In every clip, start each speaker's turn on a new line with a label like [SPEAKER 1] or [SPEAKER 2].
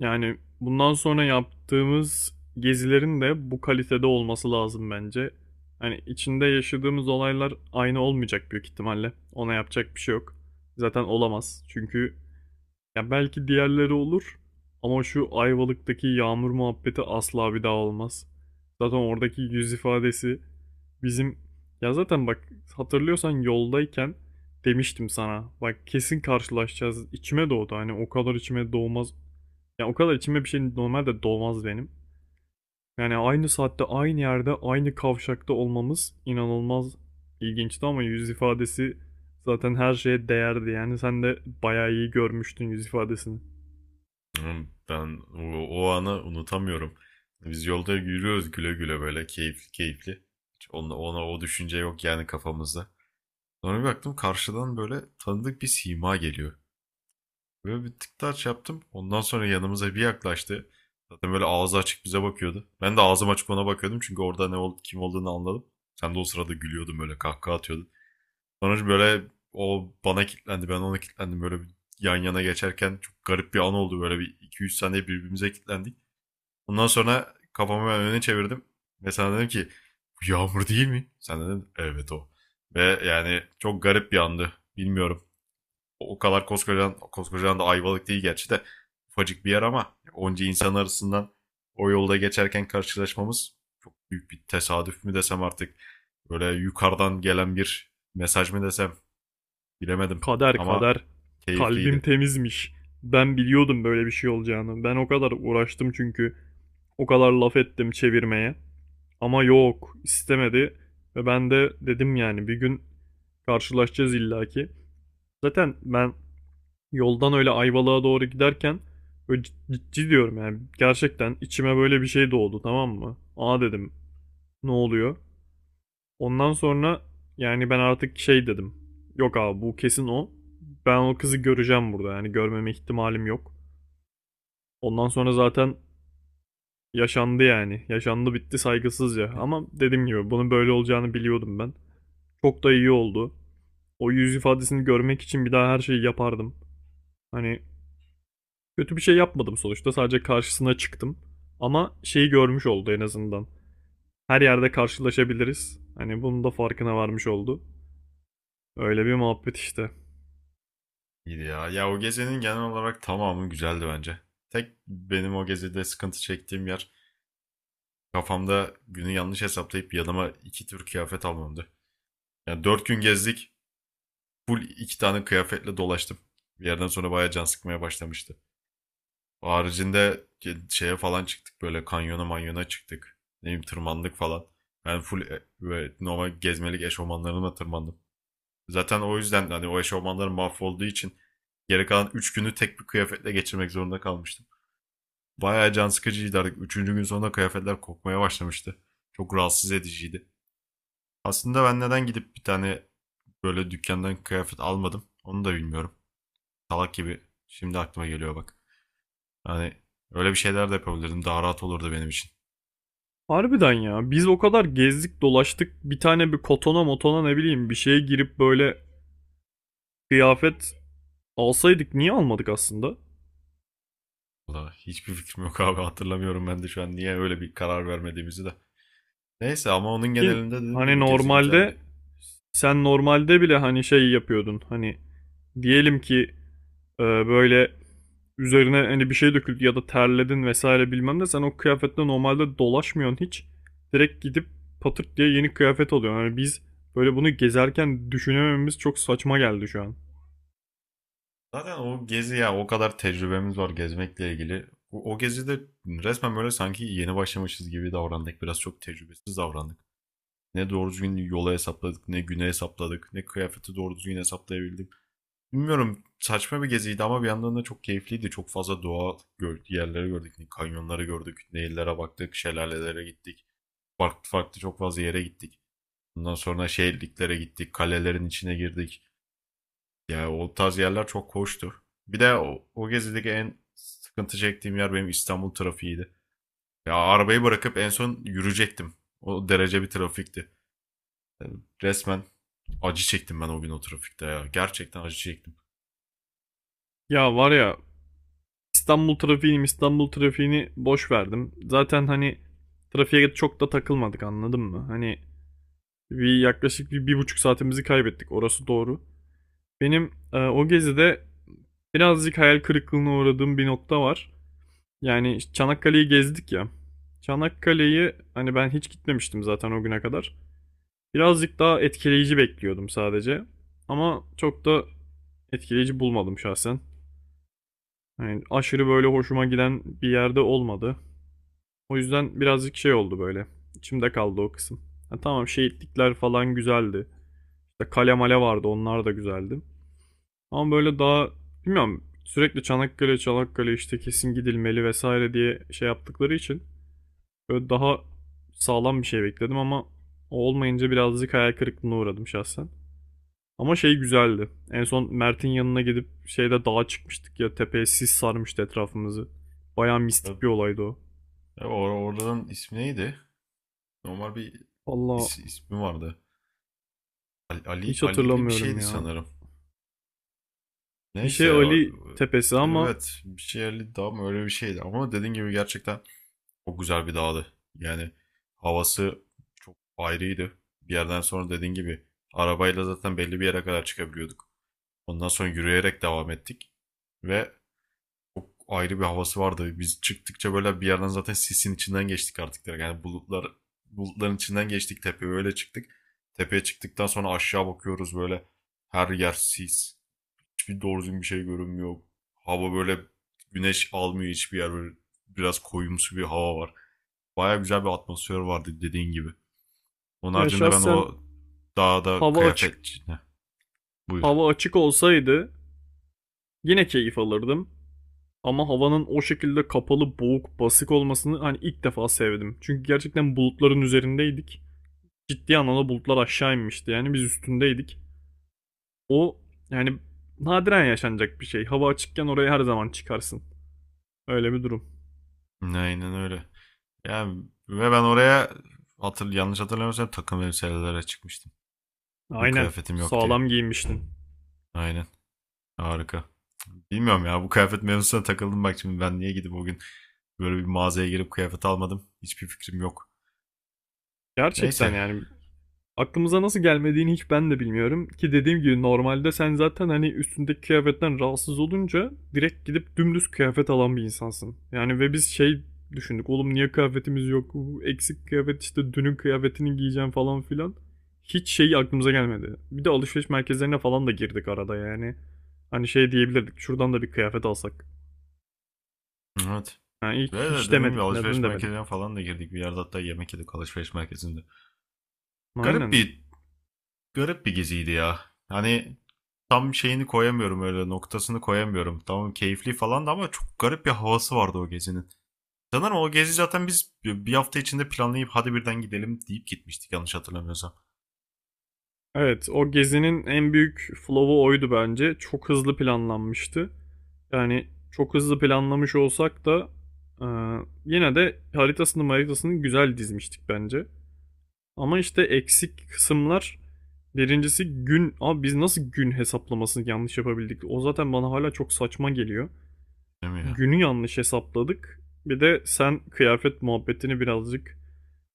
[SPEAKER 1] Yani bundan sonra yaptığımız gezilerin de bu kalitede olması lazım bence. Hani içinde yaşadığımız olaylar aynı olmayacak büyük ihtimalle. Ona yapacak bir şey yok. Zaten olamaz. Çünkü ya belki diğerleri olur ama şu Ayvalık'taki yağmur muhabbeti asla bir daha olmaz. Zaten oradaki yüz ifadesi bizim, ya zaten bak, hatırlıyorsan yoldayken demiştim sana. Bak kesin karşılaşacağız. İçime doğdu. Hani o kadar içime doğmaz, ya o kadar içime bir şey normalde dolmaz benim. Yani aynı saatte aynı yerde aynı kavşakta olmamız inanılmaz ilginçti, ama yüz ifadesi zaten her şeye değerdi. Yani sen de bayağı iyi görmüştün yüz ifadesini.
[SPEAKER 2] Hmm, ben o anı unutamıyorum. Biz yolda yürüyoruz güle güle, böyle keyifli keyifli. Hiç ona o düşünce yok yani kafamızda. Sonra bir baktım, karşıdan böyle tanıdık bir sima geliyor. Böyle bir tık taç yaptım. Ondan sonra yanımıza bir yaklaştı. Zaten böyle ağzı açık bize bakıyordu. Ben de ağzım açık ona bakıyordum çünkü orada kim olduğunu anladım. Sen de o sırada gülüyordun, böyle kahkaha atıyordun. Sonra böyle o bana kilitlendi, ben ona kilitlendim. Böyle bir yan yana geçerken çok garip bir an oldu. Böyle bir iki 3 saniye birbirimize kilitlendik. Ondan sonra kafamı ben öne çevirdim ve sana dedim ki bu yağmur değil mi? Sen dedin evet o. Ve yani çok garip bir andı. Bilmiyorum. O kadar koskocaman, koskocaman da Ayvalık değil gerçi de, ufacık bir yer ama onca insan arasından o yolda geçerken karşılaşmamız çok büyük bir tesadüf mü desem artık, böyle yukarıdan gelen bir mesaj mı desem, bilemedim
[SPEAKER 1] Kader
[SPEAKER 2] ama
[SPEAKER 1] kader. Kalbim
[SPEAKER 2] keyifliydi.
[SPEAKER 1] temizmiş. Ben biliyordum böyle bir şey olacağını. Ben o kadar uğraştım çünkü. O kadar laf ettim çevirmeye. Ama yok istemedi. Ve ben de dedim yani bir gün karşılaşacağız illaki. Zaten ben yoldan öyle Ayvalık'a doğru giderken böyle ciddi diyorum, yani gerçekten içime böyle bir şey doğdu, tamam mı? Aa dedim, ne oluyor? Ondan sonra yani ben artık şey dedim. Yok abi bu kesin o. Ben o kızı göreceğim burada, yani görmeme ihtimalim yok. Ondan sonra zaten yaşandı yani. Yaşandı, bitti saygısızca. Ama dediğim gibi bunun böyle olacağını biliyordum ben. Çok da iyi oldu. O yüz ifadesini görmek için bir daha her şeyi yapardım. Hani kötü bir şey yapmadım sonuçta. Sadece karşısına çıktım. Ama şeyi görmüş oldu en azından. Her yerde karşılaşabiliriz. Hani bunun da farkına varmış oldu. Öyle bir muhabbet işte.
[SPEAKER 2] İyiydi ya. Ya, o gezinin genel olarak tamamı güzeldi bence. Tek benim o gezide sıkıntı çektiğim yer, kafamda günü yanlış hesaplayıp yanıma iki tür kıyafet almamdı. Yani dört gün gezdik. Full iki tane kıyafetle dolaştım. Bir yerden sonra bayağı can sıkmaya başlamıştı. O haricinde şeye falan çıktık, böyle kanyona manyona çıktık. Ne bileyim tırmandık falan. Ben full böyle normal gezmelik eşofmanlarımla tırmandım. Zaten o yüzden hani o eşofmanlarım mahvolduğu için geri kalan 3 günü tek bir kıyafetle geçirmek zorunda kalmıştım. Bayağı can sıkıcıydı artık. Üçüncü gün sonunda kıyafetler kokmaya başlamıştı. Çok rahatsız ediciydi. Aslında ben neden gidip bir tane böyle dükkandan kıyafet almadım onu da bilmiyorum. Salak gibi şimdi aklıma geliyor bak. Hani öyle bir şeyler de yapabilirdim. Daha rahat olurdu benim için.
[SPEAKER 1] Harbiden ya. Biz o kadar gezdik dolaştık. Bir tane bir kotona motona ne bileyim bir şeye girip böyle kıyafet alsaydık, niye almadık aslında?
[SPEAKER 2] Valla hiçbir fikrim yok abi, hatırlamıyorum ben de şu an niye öyle bir karar vermediğimizi de. Neyse, ama onun
[SPEAKER 1] Ki
[SPEAKER 2] genelinde dediğim
[SPEAKER 1] hani
[SPEAKER 2] gibi gezi
[SPEAKER 1] normalde
[SPEAKER 2] güzeldi.
[SPEAKER 1] sen normalde bile hani şey yapıyordun. Hani diyelim ki, böyle üzerine hani bir şey döküldü ya da terledin vesaire bilmem ne, sen o kıyafetle normalde dolaşmıyorsun hiç. Direkt gidip patırt diye yeni kıyafet alıyorsun. Yani biz böyle bunu gezerken düşünemememiz çok saçma geldi şu an.
[SPEAKER 2] Zaten o gezi ya, o kadar tecrübemiz var gezmekle ilgili. O gezide resmen böyle sanki yeni başlamışız gibi davrandık. Biraz çok tecrübesiz davrandık. Ne doğru düzgün yola hesapladık, ne güne hesapladık, ne kıyafeti doğru düzgün hesaplayabildim. Bilmiyorum, saçma bir geziydi ama bir yandan da çok keyifliydi. Çok fazla doğa gör yerleri gördük. Ne kanyonları gördük, nehirlere baktık, şelalelere gittik. Farklı farklı çok fazla yere gittik. Ondan sonra şehirliklere gittik, kalelerin içine girdik. Ya, o tarz yerler çok hoştu. Bir de o gezideki en sıkıntı çektiğim yer benim İstanbul trafiğiydi. Ya, arabayı bırakıp en son yürüyecektim. O derece bir trafikti. Yani resmen acı çektim ben o gün o trafikte ya. Gerçekten acı çektim.
[SPEAKER 1] Ya var ya, İstanbul trafiğini boş verdim. Zaten hani trafiğe çok da takılmadık, anladın mı? Hani bir yaklaşık bir, bir buçuk saatimizi kaybettik, orası doğru. Benim, o gezide birazcık hayal kırıklığına uğradığım bir nokta var. Yani işte Çanakkale'yi gezdik ya. Çanakkale'yi hani ben hiç gitmemiştim zaten o güne kadar. Birazcık daha etkileyici bekliyordum sadece. Ama çok da etkileyici bulmadım şahsen. Yani aşırı böyle hoşuma giden bir yerde olmadı. O yüzden birazcık şey oldu böyle. İçimde kaldı o kısım. Ha tamam, şehitlikler falan güzeldi. İşte kale male vardı, onlar da güzeldi. Ama böyle daha, bilmiyorum, sürekli Çanakkale Çanakkale işte kesin gidilmeli vesaire diye şey yaptıkları için böyle daha sağlam bir şey bekledim, ama o olmayınca birazcık hayal kırıklığına uğradım şahsen. Ama şey güzeldi. En son Mert'in yanına gidip şeyde dağa çıkmıştık ya, tepeye sis sarmıştı etrafımızı. Bayağı
[SPEAKER 2] Ya,
[SPEAKER 1] mistik bir olaydı o.
[SPEAKER 2] ya oradan, ismi neydi? Normal bir
[SPEAKER 1] Valla
[SPEAKER 2] ismi vardı.
[SPEAKER 1] hiç
[SPEAKER 2] Ali'li bir
[SPEAKER 1] hatırlamıyorum
[SPEAKER 2] şeydi
[SPEAKER 1] ya.
[SPEAKER 2] sanırım.
[SPEAKER 1] Bir şey
[SPEAKER 2] Neyse
[SPEAKER 1] Ali tepesi ama,
[SPEAKER 2] evet, bir şeyli daha mı, öyle bir şeydi, ama dediğin gibi gerçekten çok güzel bir dağdı. Yani havası çok ayrıydı. Bir yerden sonra dediğin gibi arabayla zaten belli bir yere kadar çıkabiliyorduk. Ondan sonra yürüyerek devam ettik. Ve çok ayrı bir havası vardı. Biz çıktıkça böyle bir yerden zaten sisin içinden geçtik artık direkt. Yani bulutların içinden geçtik, tepeye öyle çıktık. Tepeye çıktıktan sonra aşağı bakıyoruz, böyle her yer sis. Hiçbir doğru düzgün bir şey görünmüyor. Hava böyle güneş almıyor hiçbir yer. Böyle biraz koyumsu bir hava var. Baya güzel bir atmosfer vardı dediğin gibi. Onun
[SPEAKER 1] ya
[SPEAKER 2] haricinde ben
[SPEAKER 1] şahsen
[SPEAKER 2] o dağda
[SPEAKER 1] hava açık,
[SPEAKER 2] kıyafet... Ne? Buyur.
[SPEAKER 1] hava açık olsaydı yine keyif alırdım. Ama havanın o şekilde kapalı, boğuk, basık olmasını hani ilk defa sevdim. Çünkü gerçekten bulutların üzerindeydik. Ciddi anlamda bulutlar aşağı inmişti. Yani biz üstündeydik. O, yani nadiren yaşanacak bir şey. Hava açıkken oraya her zaman çıkarsın. Öyle bir durum.
[SPEAKER 2] Aynen öyle. Yani ve ben oraya yanlış hatırlamıyorsam takım elbiselere çıkmıştım. Çünkü
[SPEAKER 1] Aynen.
[SPEAKER 2] kıyafetim yok diye.
[SPEAKER 1] Sağlam giyinmiştin.
[SPEAKER 2] Aynen. Harika. Bilmiyorum ya, bu kıyafet mevzusuna takıldım, bak şimdi ben niye gidip o gün böyle bir mağazaya girip kıyafet almadım. Hiçbir fikrim yok.
[SPEAKER 1] Gerçekten
[SPEAKER 2] Neyse.
[SPEAKER 1] yani, aklımıza nasıl gelmediğini hiç ben de bilmiyorum ki, dediğim gibi normalde sen zaten hani üstündeki kıyafetten rahatsız olunca direkt gidip dümdüz kıyafet alan bir insansın. Yani ve biz şey düşündük, oğlum niye kıyafetimiz yok, bu eksik kıyafet, işte dünün kıyafetini giyeceğim falan filan. Hiç şey aklımıza gelmedi. Bir de alışveriş merkezlerine falan da girdik arada yani. Hani şey diyebilirdik, şuradan da bir kıyafet alsak.
[SPEAKER 2] Evet.
[SPEAKER 1] Yani
[SPEAKER 2] Ve
[SPEAKER 1] hiç,
[SPEAKER 2] de
[SPEAKER 1] hiç
[SPEAKER 2] dediğim gibi
[SPEAKER 1] demedik, neden
[SPEAKER 2] alışveriş
[SPEAKER 1] demedik.
[SPEAKER 2] merkezine falan da girdik. Bir yerde hatta yemek yedik alışveriş merkezinde. Garip
[SPEAKER 1] Aynen.
[SPEAKER 2] bir garip bir geziydi ya. Hani tam şeyini koyamıyorum, öyle noktasını koyamıyorum. Tamam, keyifli falan da ama çok garip bir havası vardı o gezinin. Sanırım o gezi zaten biz bir hafta içinde planlayıp hadi birden gidelim deyip gitmiştik, yanlış hatırlamıyorsam.
[SPEAKER 1] Evet, o gezinin en büyük flaw'u oydu bence. Çok hızlı planlanmıştı. Yani çok hızlı planlamış olsak da, e, yine de haritasını güzel dizmiştik bence. Ama işte eksik kısımlar birincisi gün. Abi biz nasıl gün hesaplamasını yanlış yapabildik? O zaten bana hala çok saçma geliyor.
[SPEAKER 2] Değil mi ya?
[SPEAKER 1] Günü yanlış hesapladık. Bir de sen kıyafet muhabbetini birazcık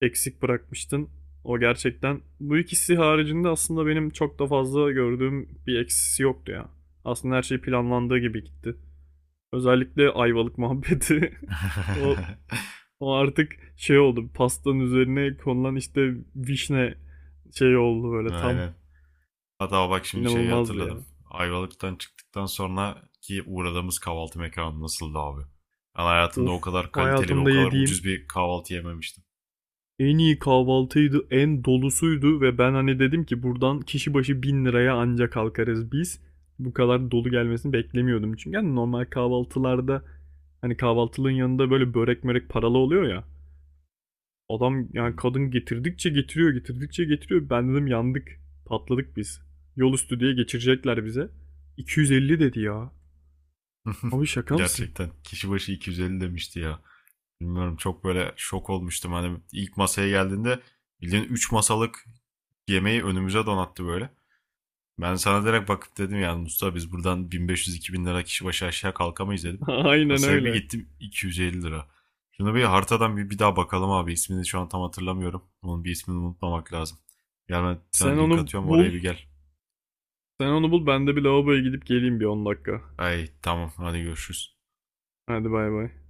[SPEAKER 1] eksik bırakmıştın. O gerçekten. Bu ikisi haricinde aslında benim çok da fazla gördüğüm bir eksisi yoktu ya. Aslında her şey planlandığı gibi gitti. Özellikle Ayvalık muhabbeti. o, o artık şey oldu. Pastanın üzerine konulan işte vişne şey oldu böyle tam
[SPEAKER 2] Aynen. Hatta bak, şimdi şeyi
[SPEAKER 1] inanılmazdı
[SPEAKER 2] hatırladım.
[SPEAKER 1] ya.
[SPEAKER 2] Ayvalık'tan çıktıktan sonra ki uğradığımız kahvaltı mekanı nasıldı abi? Ben hayatımda o
[SPEAKER 1] Of,
[SPEAKER 2] kadar kaliteli ve o
[SPEAKER 1] hayatımda
[SPEAKER 2] kadar
[SPEAKER 1] yediğim
[SPEAKER 2] ucuz bir kahvaltı yememiştim.
[SPEAKER 1] en iyi kahvaltıydı, en dolusuydu ve ben hani dedim ki buradan kişi başı 1.000 liraya ancak kalkarız biz. Bu kadar dolu gelmesini beklemiyordum. Çünkü hani normal kahvaltılarda hani kahvaltılığın yanında böyle börek mörek paralı oluyor ya. Adam yani kadın getirdikçe getiriyor, getirdikçe getiriyor. Ben dedim yandık, patladık biz. Yol üstü diye geçirecekler bize. 250 dedi ya. Abi şaka mısın?
[SPEAKER 2] Gerçekten. Kişi başı 250 demişti ya. Bilmiyorum, çok böyle şok olmuştum. Hani ilk masaya geldiğinde bildiğin 3 masalık yemeği önümüze donattı böyle. Ben sana direkt bakıp dedim yani, Mustafa biz buradan 1500-2000 lira kişi başı aşağı kalkamayız dedim.
[SPEAKER 1] Aynen
[SPEAKER 2] Kasaya bir
[SPEAKER 1] öyle.
[SPEAKER 2] gittim, 250 lira. Şuna bir haritadan bir daha bakalım abi. İsmini şu an tam hatırlamıyorum. Onun bir ismini unutmamak lazım. Gel ben sana
[SPEAKER 1] Sen
[SPEAKER 2] link
[SPEAKER 1] onu
[SPEAKER 2] atıyorum,
[SPEAKER 1] bul.
[SPEAKER 2] oraya bir gel.
[SPEAKER 1] Sen onu bul. Ben de bir lavaboya gidip geleyim bir 10 dakika.
[SPEAKER 2] Ay tamam, hadi görüşürüz.
[SPEAKER 1] Hadi bay bay.